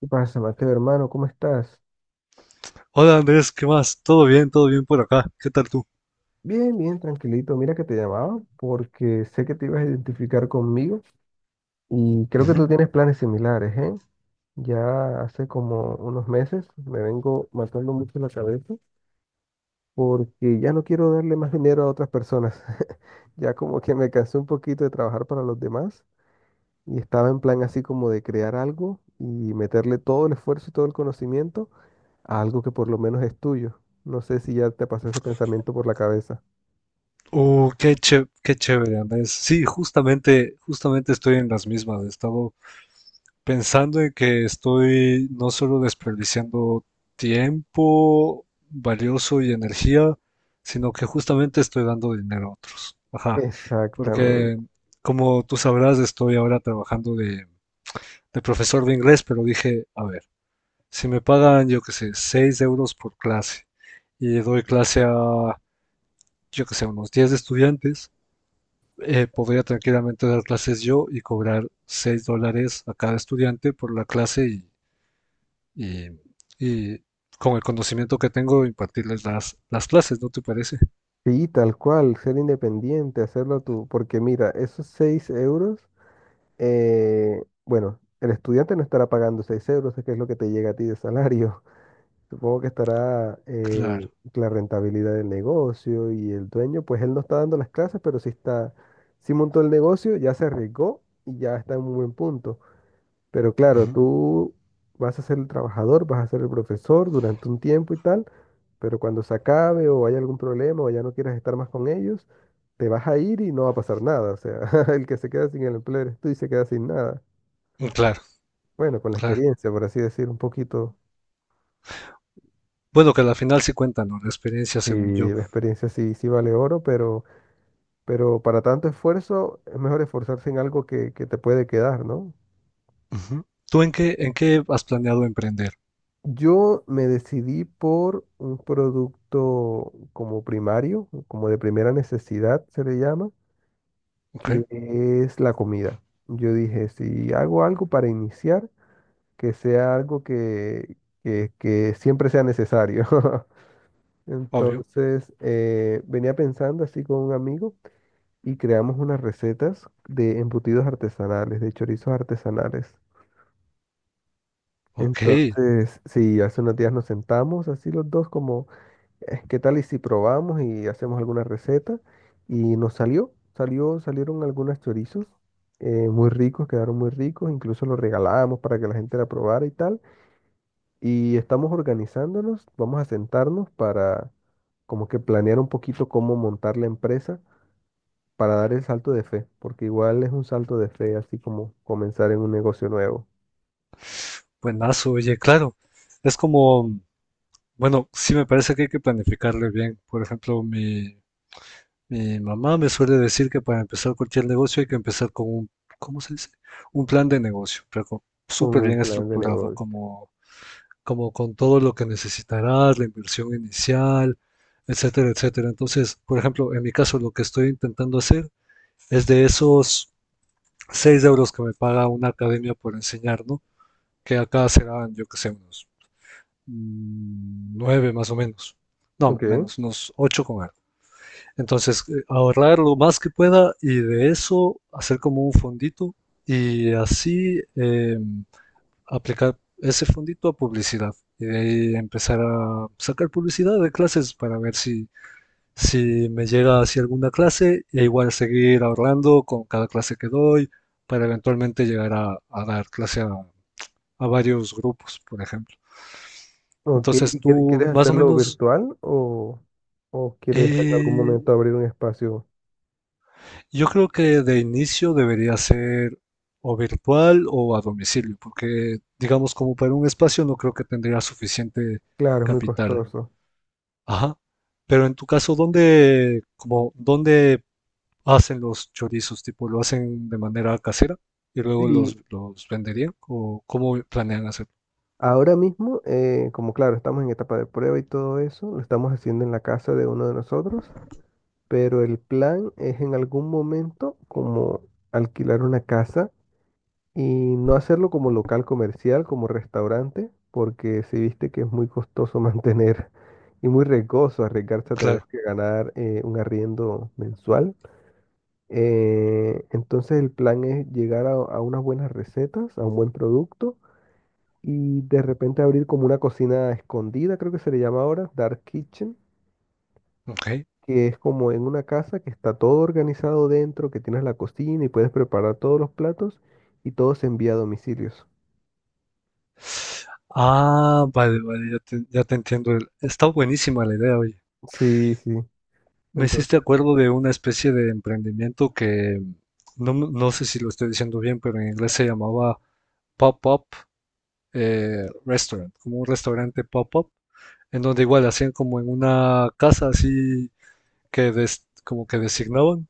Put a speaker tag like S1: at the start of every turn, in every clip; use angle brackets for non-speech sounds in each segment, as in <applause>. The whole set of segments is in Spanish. S1: ¿Qué pasa, Mateo, hermano? ¿Cómo estás?
S2: Hola Andrés, ¿qué más? ¿Todo bien? ¿Todo bien por acá? ¿Qué tal tú?
S1: Bien, bien, tranquilito. Mira que te llamaba porque sé que te ibas a identificar conmigo y creo que
S2: Ujú.
S1: tú tienes planes similares, ¿eh? Ya hace como unos meses me vengo matando mucho la cabeza porque ya no quiero darle más dinero a otras personas. <laughs> Ya como que me cansé un poquito de trabajar para los demás y estaba en plan así como de crear algo y meterle todo el esfuerzo y todo el conocimiento a algo que por lo menos es tuyo. No sé si ya te pasó ese pensamiento por la cabeza.
S2: Qué chévere, Andrés. Sí, justamente estoy en las mismas. He estado pensando en que estoy no solo desperdiciando tiempo valioso y energía, sino que justamente estoy dando dinero a otro. Ajá. Porque,
S1: Exactamente.
S2: como tú sabrás, estoy ahora trabajando de, profesor de inglés, pero dije, a ver. Si me pagan, yo qué sé, 6 euros por clase y doy clase a, yo qué sé, unos 10 estudiantes, podría tranquilamente dar clases yo y cobrar 6 dólares a cada estudiante por la clase y- y con el conocimiento que tengo impartirles las, clases, ¿no te parece?
S1: Sí, tal cual, ser independiente, hacerlo tú, porque mira, esos 6 euros, bueno, el estudiante no estará pagando 6 euros, que es lo que te llega a ti de salario. <laughs> Supongo que estará
S2: Claro.
S1: la rentabilidad del negocio y el dueño, pues él no está dando las clases, pero sí está, sí montó el negocio, ya se arriesgó y ya está en un buen punto. Pero claro,
S2: Ujú.
S1: tú vas a ser el trabajador, vas a ser el profesor durante un tiempo y tal, pero cuando se acabe o haya algún problema o ya no quieras estar más con ellos, te vas a ir y no va a pasar nada. O sea, <laughs> el que se queda sin el empleo eres tú y se queda sin nada.
S2: Claro,
S1: Bueno, con la
S2: claro.
S1: experiencia, por así decir, un poquito.
S2: Bueno, que al final sí cuenta, ¿no? La experiencia, según
S1: Y
S2: yo.
S1: la experiencia sí, sí vale oro, pero para tanto esfuerzo es mejor esforzarse en algo que te puede quedar, ¿no?
S2: Ujú. ¿Tú en qué, has planeado emprender?
S1: Yo me decidí por un producto como primario, como de primera necesidad se le llama, que
S2: Ok,
S1: es la comida. Yo dije, si hago algo para iniciar, que sea algo que siempre sea necesario. <laughs>
S2: obvio.
S1: Entonces, venía pensando así con un amigo y creamos unas recetas de embutidos artesanales, de chorizos artesanales.
S2: Ok.
S1: Entonces, sí, hace unos días nos sentamos así los dos como ¿qué tal y si probamos y hacemos alguna receta? Y nos salieron algunos chorizos, muy ricos, quedaron muy ricos, incluso los regalábamos para que la gente la probara y tal. Y estamos organizándonos, vamos a sentarnos para como que planear un poquito cómo montar la empresa para dar el salto de fe, porque igual es un salto de fe, así como comenzar en un negocio nuevo,
S2: Buenazo, oye, claro. Es como, bueno, sí me parece que hay que planificarle bien. Por ejemplo, mi mamá me suele decir que para empezar cualquier negocio hay que empezar con un, ¿cómo se dice? Un plan de negocio, pero
S1: con
S2: súper
S1: un
S2: bien
S1: plan de
S2: estructurado,
S1: negocio.
S2: como, con todo lo que necesitarás, la inversión inicial, etcétera, etcétera. Entonces, por ejemplo, en mi caso, lo que estoy intentando hacer es de esos 6 euros que me paga una academia por enseñar, ¿no? Que acá serán, yo que sé, unos nueve más o menos. No,
S1: Ok.
S2: menos, unos ocho con algo. Entonces, ahorrar lo más que pueda y de eso hacer como un fondito y así aplicar ese fondito a publicidad. Y de ahí empezar a sacar publicidad de clases para ver si, si me llega hacia alguna clase e igual seguir ahorrando con cada clase que doy para eventualmente llegar a, dar clase a, varios grupos, por ejemplo.
S1: Ok,
S2: Entonces,
S1: ¿y
S2: tú
S1: quieres
S2: más o
S1: hacerlo
S2: menos.
S1: virtual o quieres en algún
S2: Eh,
S1: momento abrir un espacio?
S2: yo creo que de inicio debería ser o virtual o a domicilio, porque digamos como para un espacio no creo que tendría suficiente
S1: Claro, es muy
S2: capital.
S1: costoso.
S2: Ajá. Pero en tu caso, ¿dónde, dónde hacen los chorizos? Tipo, ¿lo hacen de manera casera y luego los,
S1: Sí,
S2: venderían? ¿O cómo planean hacerlo?
S1: ahora mismo, como claro, estamos en etapa de prueba y todo eso, lo estamos haciendo en la casa de uno de nosotros, pero el plan es en algún momento como alquilar una casa y no hacerlo como local comercial, como restaurante, porque si viste que es muy costoso mantener <laughs> y muy riesgoso arriesgarse a tener
S2: Claro.
S1: que ganar un arriendo mensual. Entonces el plan es llegar a unas buenas recetas, a un buen producto y de repente abrir como una cocina escondida, creo que se le llama ahora, Dark Kitchen,
S2: Ok.
S1: que es como en una casa que está todo organizado dentro, que tienes la cocina y puedes preparar todos los platos y todo se envía a domicilios.
S2: Ah, vale, vale, ya te entiendo. Está buenísima la idea, oye.
S1: Sí, sí.
S2: Me
S1: Entonces,
S2: hiciste acuerdo de una especie de emprendimiento que no, no sé si lo estoy diciendo bien, pero en inglés se llamaba Pop-Up Restaurant, como un restaurante pop-up, en donde igual hacían como en una casa así que como que designaban,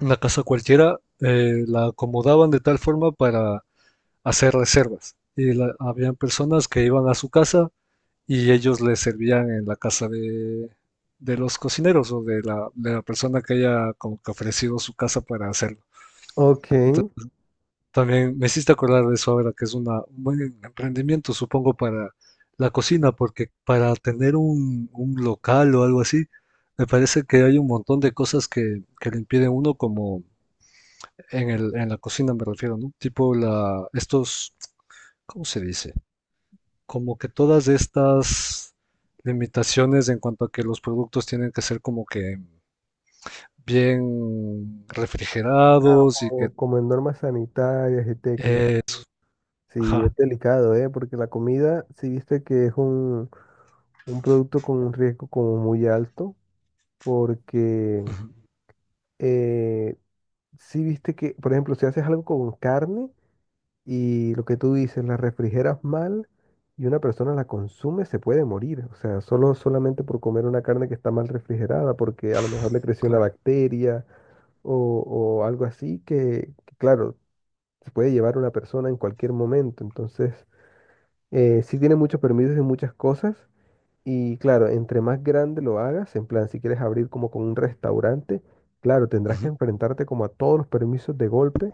S2: una casa cualquiera, la acomodaban de tal forma para hacer reservas. Y habían personas que iban a su casa y ellos les servían en la casa de, los cocineros o de la persona que haya como que ofrecido su casa para hacerlo.
S1: ok.
S2: Entonces, también me hiciste acordar de eso ahora, que es un buen emprendimiento, supongo, para la cocina, porque para tener un, local o algo así, me parece que hay un montón de cosas que, le impiden a uno, como en el, en la cocina me refiero, ¿no? Tipo estos, ¿cómo se dice? Como que todas estas limitaciones en cuanto a que los productos tienen que ser como que bien
S1: Ah,
S2: refrigerados y que...
S1: como, como en normas sanitarias y técnicas.
S2: eh,
S1: Sí,
S2: ajá.
S1: es delicado, ¿eh? Porque la comida, si viste que es un producto con un riesgo como muy alto porque
S2: Ujú.
S1: eh, si viste que, por ejemplo, si haces algo con carne y lo que tú dices, la refrigeras mal y una persona la consume, se puede morir. O sea, solo solamente por comer una carne que está mal refrigerada, porque a lo mejor le creció una
S2: Claro.
S1: bacteria o, o algo así que, claro, se puede llevar a una persona en cualquier momento. Entonces, sí tiene muchos permisos y muchas cosas. Y claro, entre más grande lo hagas, en plan, si quieres abrir como con un restaurante, claro, tendrás que
S2: Ujú.
S1: enfrentarte como a todos los permisos de golpe,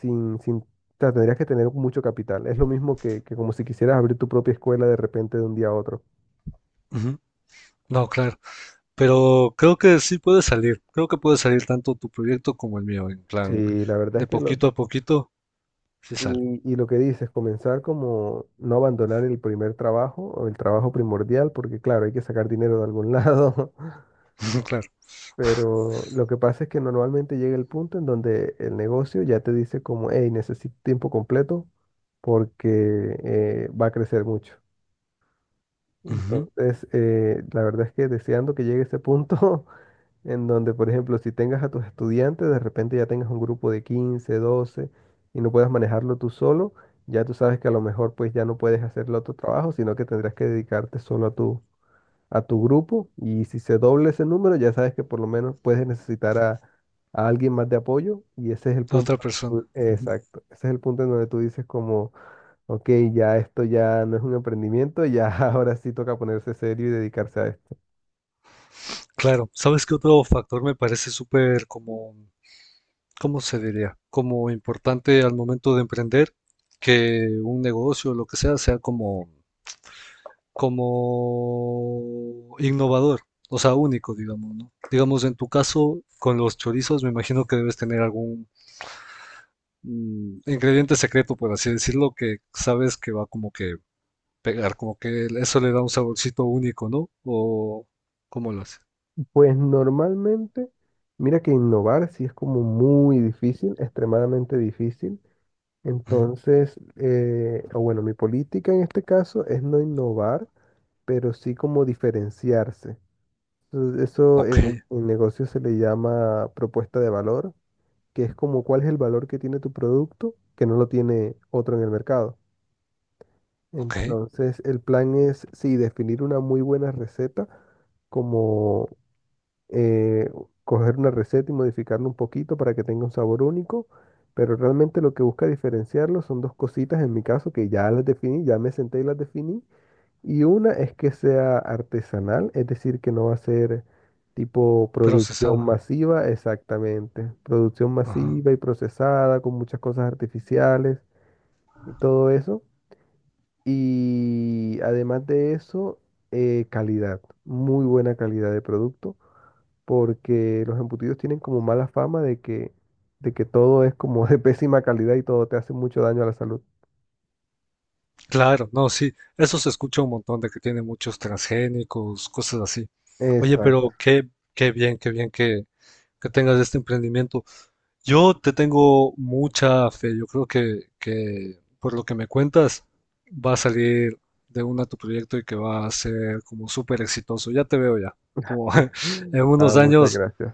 S1: sin, sin, o sea, tendrías que tener mucho capital. Es lo mismo que como si quisieras abrir tu propia escuela de repente de un día a otro.
S2: Ujú. No, claro. Pero creo que sí puede salir. Creo que puede salir tanto tu proyecto como el mío. En plan,
S1: Sí, la verdad es
S2: de
S1: que lo,
S2: poquito a poquito, sí sale.
S1: y lo que dices, comenzar como no abandonar el primer trabajo o el trabajo primordial, porque claro, hay que sacar dinero de algún lado. <laughs>
S2: <laughs> Claro.
S1: Pero lo que pasa es que normalmente llega el punto en donde el negocio ya te dice como, hey, necesito tiempo completo porque va a crecer mucho.
S2: Ujú.
S1: Entonces, la verdad es que deseando que llegue ese punto <laughs> en donde, por ejemplo, si tengas a tus estudiantes, de repente ya tengas un grupo de 15 12 y no puedas manejarlo tú solo, ya tú sabes que a lo mejor pues ya no puedes hacer el otro trabajo, sino que tendrás que dedicarte solo a tu grupo y si se doble ese número, ya sabes que por lo menos puedes necesitar a alguien más de apoyo y ese es el
S2: A
S1: punto. En
S2: otra persona.
S1: donde
S2: Ujú.
S1: exacto, ese es el punto en donde tú dices como, ok, ya esto ya no es un emprendimiento, ya <laughs> ahora sí toca ponerse serio y dedicarse a esto.
S2: Claro. ¿Sabes qué otro factor me parece súper como ¿cómo se diría? Como importante al momento de emprender, que un negocio, lo que sea, sea como, innovador, o sea, único, digamos, ¿no? Digamos, en tu caso, con los chorizos, me imagino que debes tener algún ingrediente secreto, por así decirlo, que sabes que va como que pegar, como que eso le da un saborcito único, ¿no? O, ¿cómo lo hace?
S1: Pues normalmente, mira que innovar sí es como muy difícil, extremadamente difícil.
S2: Ujú.
S1: Entonces, o bueno, mi política en este caso es no innovar, pero sí como diferenciarse. Entonces, eso
S2: Ok,
S1: en negocios se le llama propuesta de valor, que es como cuál es el valor que tiene tu producto que no lo tiene otro en el mercado.
S2: ok.
S1: Entonces, el plan es, sí, definir una muy buena receta, como eh, coger una receta y modificarla un poquito para que tenga un sabor único, pero realmente lo que busca diferenciarlo son dos cositas en mi caso que ya las definí, ya me senté y las definí, y una es que sea artesanal, es decir, que no va a ser tipo producción
S2: Procesado.
S1: masiva, exactamente. Producción masiva y procesada con muchas cosas artificiales y todo eso. Y además de eso, calidad, muy buena calidad de producto, porque los embutidos tienen como mala fama de de que todo es como <laughs> de pésima calidad y todo te hace mucho daño a la salud.
S2: Claro, no, sí, eso se escucha un montón de que tiene muchos transgénicos, cosas así. Oye,
S1: Exacto. <laughs>
S2: pero qué bien que, tengas este emprendimiento. Yo te tengo mucha fe, yo creo que, por lo que me cuentas va a salir de una tu proyecto y que va a ser como súper exitoso. Ya te veo ya, como <laughs> en
S1: Ah,
S2: unos
S1: muchas
S2: años,
S1: gracias.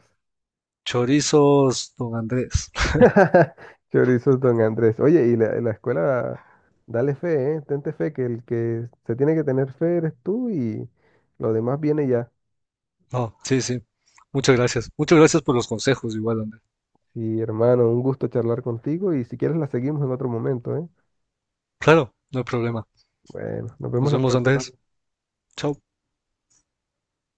S2: chorizos, don Andrés. <laughs>
S1: <laughs> Chorizos Don Andrés. Oye, y la escuela, dale fe, ¿eh? Tente fe, que el que se tiene que tener fe eres tú y lo demás viene ya.
S2: No, sí, sí, muchas gracias. Muchas gracias por los consejos, igual, Andrés.
S1: Sí, hermano, un gusto charlar contigo y si quieres la seguimos en otro momento, ¿eh?
S2: Claro, no hay problema.
S1: Bueno, nos vemos
S2: Nos
S1: la
S2: vemos,
S1: próxima.
S2: Andrés. Chao.